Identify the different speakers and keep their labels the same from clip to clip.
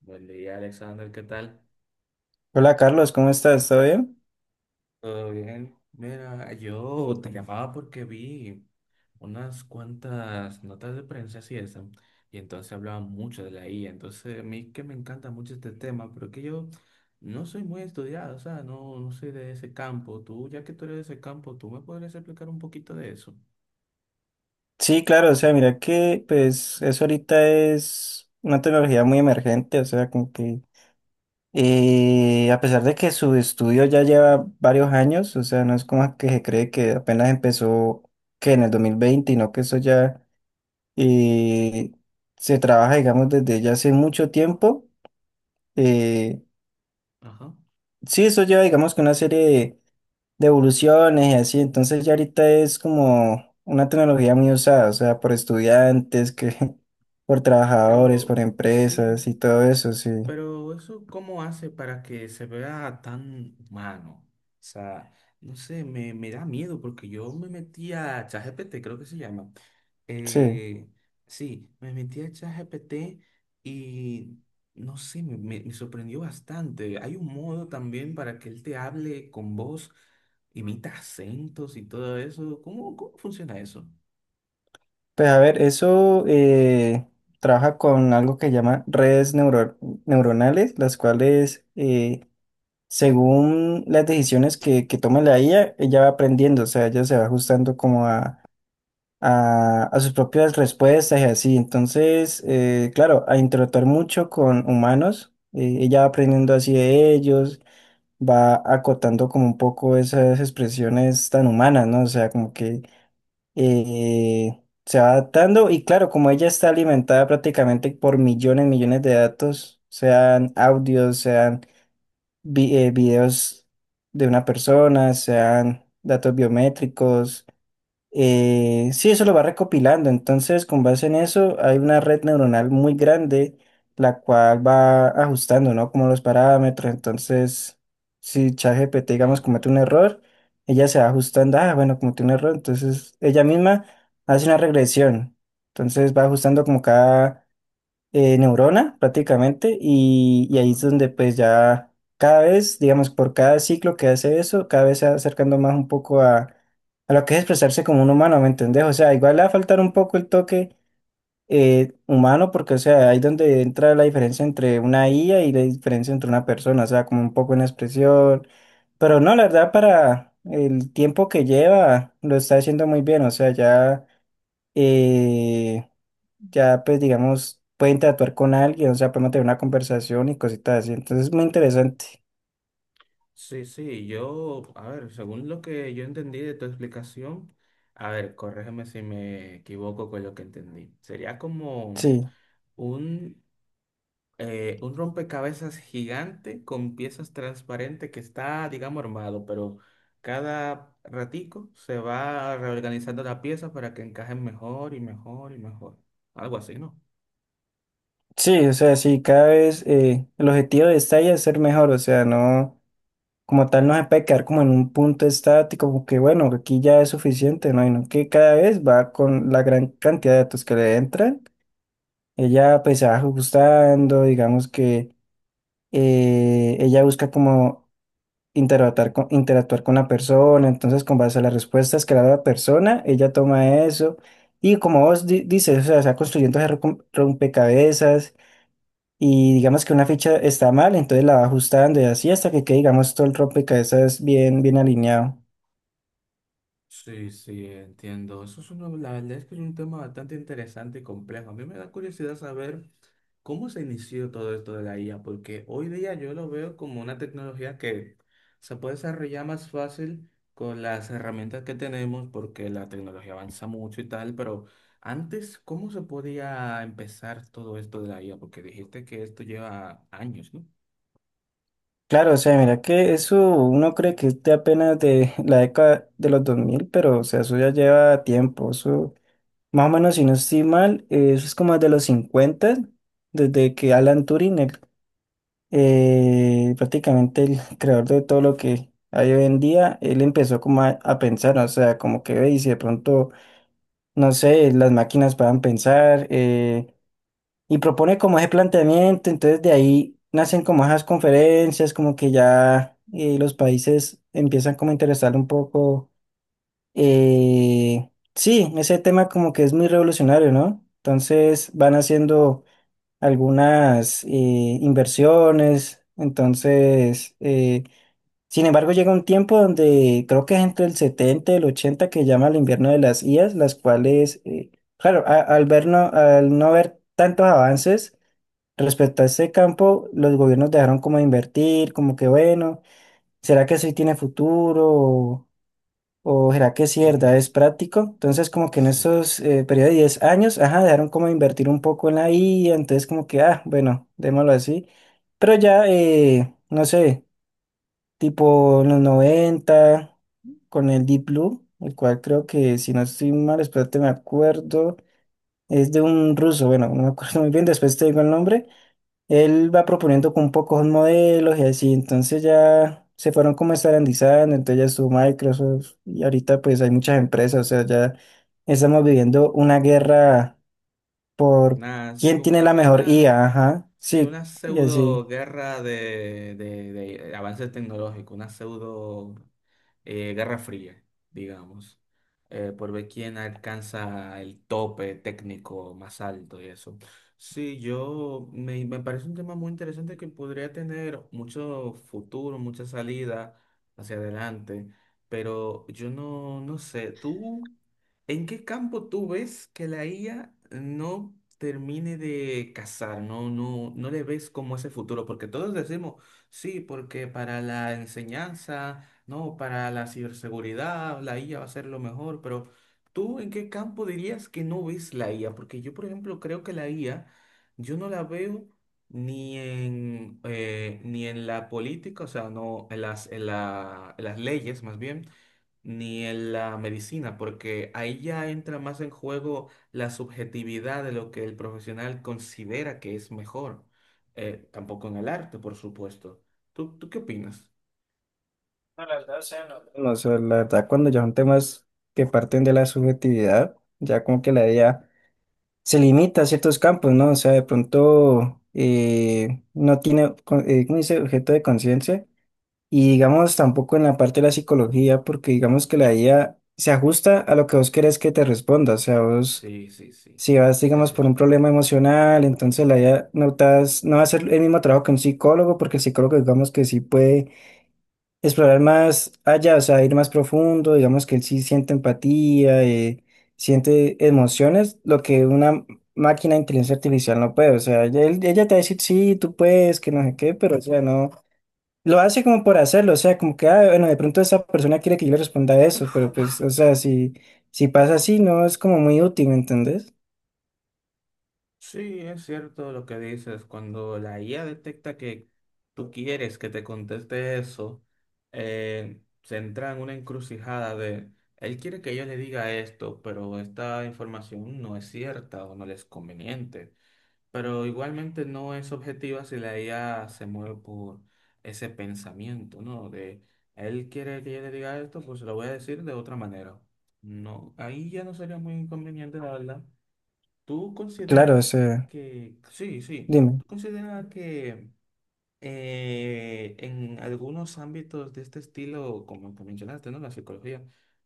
Speaker 1: Buen día, Alexander, ¿qué tal?
Speaker 2: Hola Carlos, ¿cómo estás? ¿Todo bien?
Speaker 1: Todo bien. Mira, yo te llamaba porque vi unas cuantas notas de prensa y eso, y entonces hablaban mucho de la IA. Entonces, a mí que me encanta mucho este tema, pero que yo no soy muy estudiado, o sea, no soy de ese campo. Tú, ya que tú eres de ese campo, tú me podrías explicar un poquito de eso.
Speaker 2: Sí, claro, o sea, mira que pues eso ahorita es una tecnología muy emergente, o sea, como que a pesar de que su estudio ya lleva varios años, o sea, no es como que se cree que apenas empezó que en el 2020, sino que eso ya eh, se trabaja, digamos, desde ya hace mucho tiempo. Eh,
Speaker 1: Ajá.
Speaker 2: sí, eso lleva, digamos, que una serie de evoluciones y así. Entonces ya ahorita es como una tecnología muy usada, o sea, por estudiantes, que por trabajadores, por
Speaker 1: Pero sí.
Speaker 2: empresas y todo eso, sí.
Speaker 1: Pero eso, ¿cómo hace para que se vea tan humano? O sea, no sé, me da miedo porque yo me metí a ChatGPT, creo que se llama.
Speaker 2: Sí.
Speaker 1: Eh, sí, me metí a ChatGPT y no sé, me sorprendió bastante. Hay un modo también para que él te hable con voz, imita acentos y todo eso. Cómo funciona eso?
Speaker 2: Pues a ver, eso trabaja con algo que llama redes neuronales, las cuales según las decisiones que toma la IA, ella va aprendiendo, o sea, ella se va ajustando como a sus propias respuestas y así. Entonces, claro, a interactuar mucho con humanos, ella va aprendiendo así de ellos, va acotando como un poco esas expresiones tan humanas, ¿no? O sea, como que se va adaptando y claro, como ella está alimentada prácticamente por millones, millones de datos, sean audios, sean videos de una persona, sean datos biométricos sí, eso lo va recopilando. Entonces, con base en eso, hay una red neuronal muy grande, la cual va ajustando, ¿no? Como los parámetros. Entonces, si ChatGPT, digamos,
Speaker 1: Entiendo.
Speaker 2: comete un error, ella se va ajustando. Ah, bueno, cometió un error. Entonces, ella misma hace una regresión. Entonces, va ajustando como cada neurona prácticamente y ahí es
Speaker 1: Ajá.
Speaker 2: donde pues ya cada vez, digamos, por cada ciclo que hace eso, cada vez se va acercando más un poco a lo que es expresarse como un humano, ¿me entendés? O sea, igual le va a faltar un poco el toque humano porque, o sea, ahí donde entra la diferencia entre una IA y la diferencia entre una persona, o sea, como un poco una expresión, pero no, la verdad para el tiempo que lleva lo está haciendo muy bien, o sea, ya, eh, ya pues digamos, puede interactuar con alguien, o sea, puede mantener una conversación y cositas así. Entonces es muy interesante.
Speaker 1: Sí, sí, yo, a ver, según lo que yo entendí de tu explicación, a ver, corrígeme si me equivoco con lo que entendí. Sería como
Speaker 2: Sí,
Speaker 1: un un rompecabezas gigante con piezas transparentes que está, digamos, armado, pero cada ratico se va reorganizando la pieza para que encajen mejor y mejor y mejor. Algo así, ¿no?
Speaker 2: sí, o sea, sí, cada vez el objetivo de esta IA es ser mejor, o sea, no, como tal no se puede quedar como en un punto estático, como que bueno, aquí ya es suficiente, ¿no? Y no que cada vez va con la gran cantidad de datos que le entran, ella pues se va ajustando, digamos que ella busca como interactuar con la persona, entonces con base a las respuestas que le da la persona, ella toma eso y como vos dices, o sea, está construyendo ese rompecabezas y digamos que una ficha está mal, entonces la va ajustando y así hasta que quede, digamos, todo el rompecabezas bien, bien alineado.
Speaker 1: Sí, sí, entiendo. Eso es uno, la verdad es que es un tema bastante interesante y complejo. A mí me da curiosidad saber. ¿Cómo se inició todo esto de la IA? Porque hoy día yo lo veo como una tecnología que se puede desarrollar más fácil con las herramientas que tenemos, porque la tecnología avanza mucho y tal, pero antes, ¿cómo se podía empezar todo esto de la IA? Porque dijiste que esto lleva años, ¿no?
Speaker 2: Claro, o sea, mira que eso uno cree que es de apenas de la década de los 2000 pero o sea, eso ya lleva tiempo, eso más o menos si no estoy mal, eso es como de los 50 desde que Alan Turing, el prácticamente el creador de todo lo que hay hoy en día, él empezó como a pensar, ¿no? O sea, como que ve y si de pronto, no sé, las máquinas puedan pensar y propone como ese planteamiento, entonces de ahí nacen como esas conferencias, como que ya los países empiezan como a interesar un poco, sí, ese tema como que es muy revolucionario, ¿no? Entonces van haciendo algunas inversiones. Entonces, sin embargo, llega un tiempo donde creo que es entre el 70 y el 80 que llama el invierno de las IAs, las cuales, claro, al no ver tantos avances respecto a este campo, los gobiernos dejaron como de invertir, como que bueno, ¿será que eso sí tiene futuro? ¿O será que sí,
Speaker 1: Mm,
Speaker 2: verdad, es práctico? Entonces, como que en
Speaker 1: Sí.
Speaker 2: estos periodo de 10 años, ajá, dejaron como de invertir un poco en la IA, entonces como que, ah, bueno, démoslo así. Pero ya, no sé, tipo en los 90 con el Deep Blue, el cual creo que, si no estoy mal, espérate, me acuerdo, es de un ruso, bueno, no me acuerdo muy bien, después te digo el nombre, él va proponiendo con pocos modelos y así, entonces ya se fueron como estandarizando, entonces ya estuvo Microsoft y ahorita pues hay muchas empresas, o sea, ya estamos viviendo una guerra por
Speaker 1: Nada, sí,
Speaker 2: quién
Speaker 1: como
Speaker 2: tiene la mejor
Speaker 1: una.
Speaker 2: IA, ajá,
Speaker 1: Sí,
Speaker 2: sí,
Speaker 1: una
Speaker 2: y así.
Speaker 1: pseudo guerra de avances tecnológicos, una pseudo guerra fría, digamos, por ver quién alcanza el tope técnico más alto y eso. Sí, yo me parece un tema muy interesante que podría tener mucho futuro, mucha salida hacia adelante, pero yo no, no sé, tú. ¿En qué campo tú ves que la IA no termine de casar? No le ves como ese futuro, porque todos decimos, sí, porque para la enseñanza, no, para la ciberseguridad, la IA va a ser lo mejor, pero ¿tú en qué campo dirías que no ves la IA? Porque yo, por ejemplo, creo que la IA, yo no la veo ni en la política, o sea, no, en en las leyes más bien, ni en la medicina, porque ahí ya entra más en juego la subjetividad de lo que el profesional considera que es mejor. Tampoco en el arte, por supuesto. Tú qué opinas?
Speaker 2: No, la verdad, o sea, no. No, o sea, la verdad, cuando ya son temas que parten de la subjetividad, ya como que la idea se limita a ciertos campos, ¿no? O sea, de pronto no tiene, ¿cómo dice? Objeto de conciencia. Y digamos, tampoco en la parte de la psicología, porque digamos que la IA se ajusta a lo que vos querés que te responda. O sea, vos,
Speaker 1: Sí, sí, sí,
Speaker 2: si vas,
Speaker 1: es
Speaker 2: digamos, por un
Speaker 1: cierto.
Speaker 2: problema emocional, entonces la IA no, no va a hacer el mismo trabajo que un psicólogo, porque el psicólogo, digamos, que sí puede explorar más allá, o sea, ir más profundo, digamos que él sí siente empatía, siente emociones, lo que una máquina de inteligencia artificial no puede. O sea, ella, ella te va a decir, sí, tú puedes, que no sé qué, pero o sea, no. Lo hace como por hacerlo, o sea, como que, ah, bueno, de pronto esa persona quiere que yo le responda eso, pero pues, o sea, si pasa así, no es como muy útil, ¿me entendés?
Speaker 1: Sí, es cierto lo que dices. Cuando la IA detecta que tú quieres que te conteste eso, se entra en una encrucijada de, él quiere que yo le diga esto, pero esta información no es cierta o no le es conveniente. Pero igualmente no es objetiva si la IA se mueve por ese pensamiento, ¿no? De él quiere que yo le diga esto, pues se lo voy a decir de otra manera. No, ahí ya no sería muy inconveniente, la verdad. ¿Tú
Speaker 2: Claro, o
Speaker 1: consideras
Speaker 2: sea, dime.
Speaker 1: tú consideras que en algunos ámbitos de este estilo, como que mencionaste, ¿no? La psicología,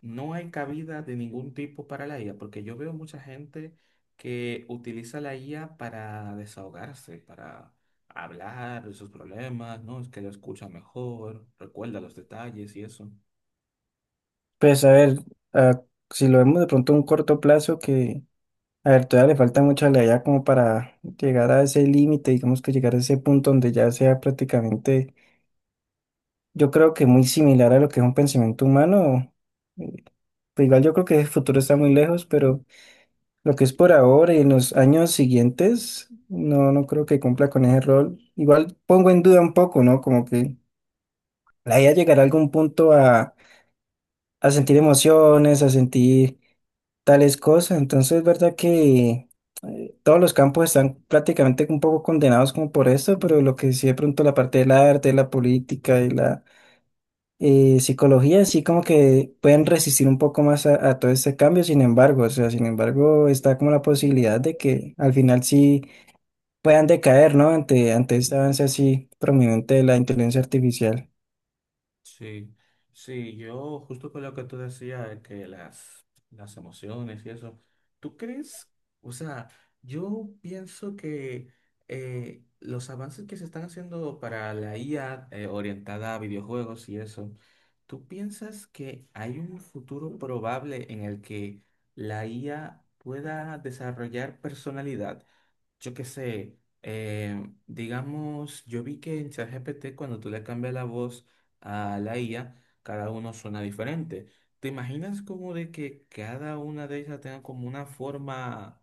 Speaker 1: no hay cabida de ningún tipo para la IA, porque yo veo mucha gente que utiliza la IA para desahogarse, para hablar de sus problemas, ¿no? Es que lo escucha mejor, recuerda los detalles y eso.
Speaker 2: Pues a ver, ah, si lo vemos de pronto a un corto plazo, que, a ver, todavía le falta mucha allá como para llegar a ese límite, digamos que llegar a ese punto donde ya sea prácticamente, yo creo que muy similar a lo que es un pensamiento humano, pues igual yo creo que el futuro está muy lejos, pero. Lo que es por ahora y en los años siguientes, no, no creo que cumpla con ese rol. Igual pongo en duda un poco, ¿no? Como que la idea llegará a algún punto a sentir emociones, a sentir tales cosas. Entonces, es verdad que todos los campos están prácticamente un poco condenados como por esto, pero lo que sí de pronto la parte del arte, la política y la y psicología sí como que pueden resistir un poco más a todo este cambio, sin embargo, o sea, sin embargo está como la posibilidad de que al final sí puedan decaer, ¿no? Ante, ante este avance así prominente de la inteligencia artificial.
Speaker 1: Sí, sí, yo justo con lo que tú decías, de las emociones y eso, ¿tú crees? O sea, yo pienso que los avances que se están haciendo para la IA orientada a videojuegos y eso, ¿tú piensas que hay un futuro probable en el que la IA pueda desarrollar personalidad? Yo qué sé, digamos, yo vi que en ChatGPT cuando tú le cambias la voz a la IA, cada uno suena diferente. ¿Te imaginas como de que cada una de ellas tenga como una forma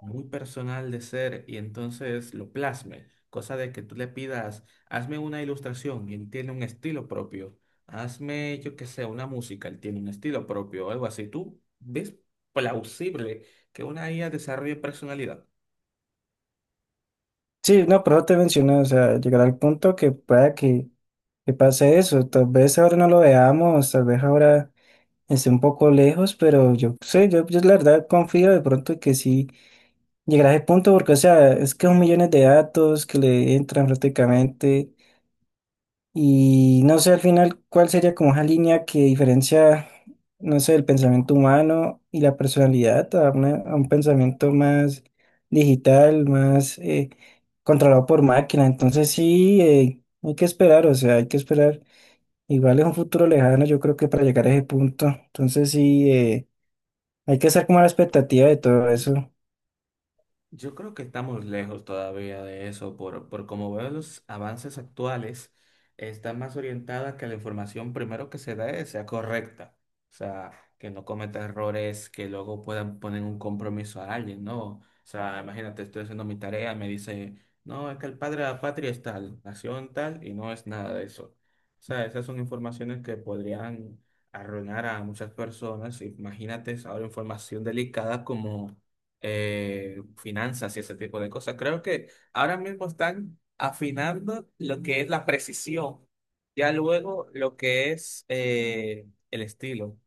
Speaker 1: muy personal de ser y entonces lo plasme? Cosa de que tú le pidas, hazme una ilustración y él tiene un estilo propio. Hazme, yo qué sé, una música, él tiene un estilo propio o algo así. ¿Tú ves plausible que una IA desarrolle personalidad?
Speaker 2: Sí, no, pero te menciono, o sea, llegar al punto que pueda que pase eso, tal vez ahora no lo veamos, tal vez ahora esté un poco lejos, pero yo sé, yo la verdad confío de pronto que sí llegar a ese punto porque, o sea, es que son millones de datos que le entran prácticamente y no sé al final cuál sería como esa línea que diferencia, no sé, el pensamiento humano y la personalidad a, una- a un pensamiento más digital, más controlado por máquina. Entonces sí, hay que esperar, o sea, hay que esperar. Igual es un futuro lejano, yo creo que para llegar a ese punto. Entonces sí, hay que estar como a la expectativa de todo eso.
Speaker 1: Yo creo que estamos lejos todavía de eso, por como veo los avances actuales, está más orientada a que la información primero que se dé sea correcta, o sea, que no cometa errores que luego puedan poner un compromiso a alguien, ¿no? O sea, imagínate, estoy haciendo mi tarea, me dice, no, es que el padre de la patria es tal, nació en tal, y no es nada de eso. O sea, esas son informaciones que podrían arruinar a muchas personas. Imagínate ahora información delicada como finanzas y ese tipo de cosas. Creo que ahora mismo están afinando lo que es la precisión, ya luego lo que es eh, el estilo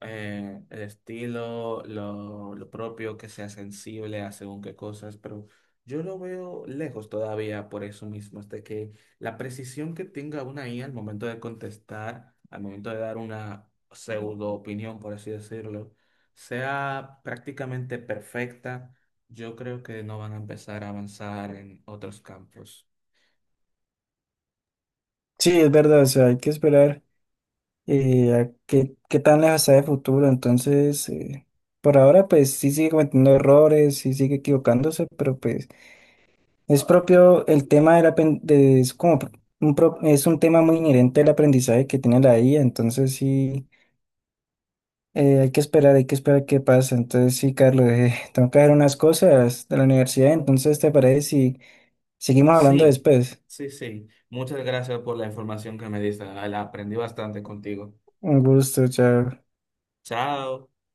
Speaker 1: eh, el estilo, lo propio, que sea sensible a según qué cosas, pero yo lo veo lejos todavía por eso mismo, hasta que la precisión que tenga una IA al momento de contestar, al momento de dar una pseudo opinión, por así decirlo, sea prácticamente perfecta, yo creo que no van a empezar a avanzar en otros campos.
Speaker 2: Sí, es verdad, o sea, hay que esperar. A qué, qué tan lejos está de futuro. Entonces, por ahora, pues sí sigue cometiendo errores, sí sigue equivocándose, pero pues es propio el tema de, es como es un tema muy inherente al aprendizaje que tiene la IA. Entonces, sí, hay que esperar qué pasa. Entonces, sí, Carlos, tengo que hacer unas cosas de la universidad. Entonces, ¿te parece si seguimos hablando
Speaker 1: Sí,
Speaker 2: después?
Speaker 1: sí, sí. Muchas gracias por la información que me diste. La aprendí bastante contigo.
Speaker 2: Un gusto, chao.
Speaker 1: Chao.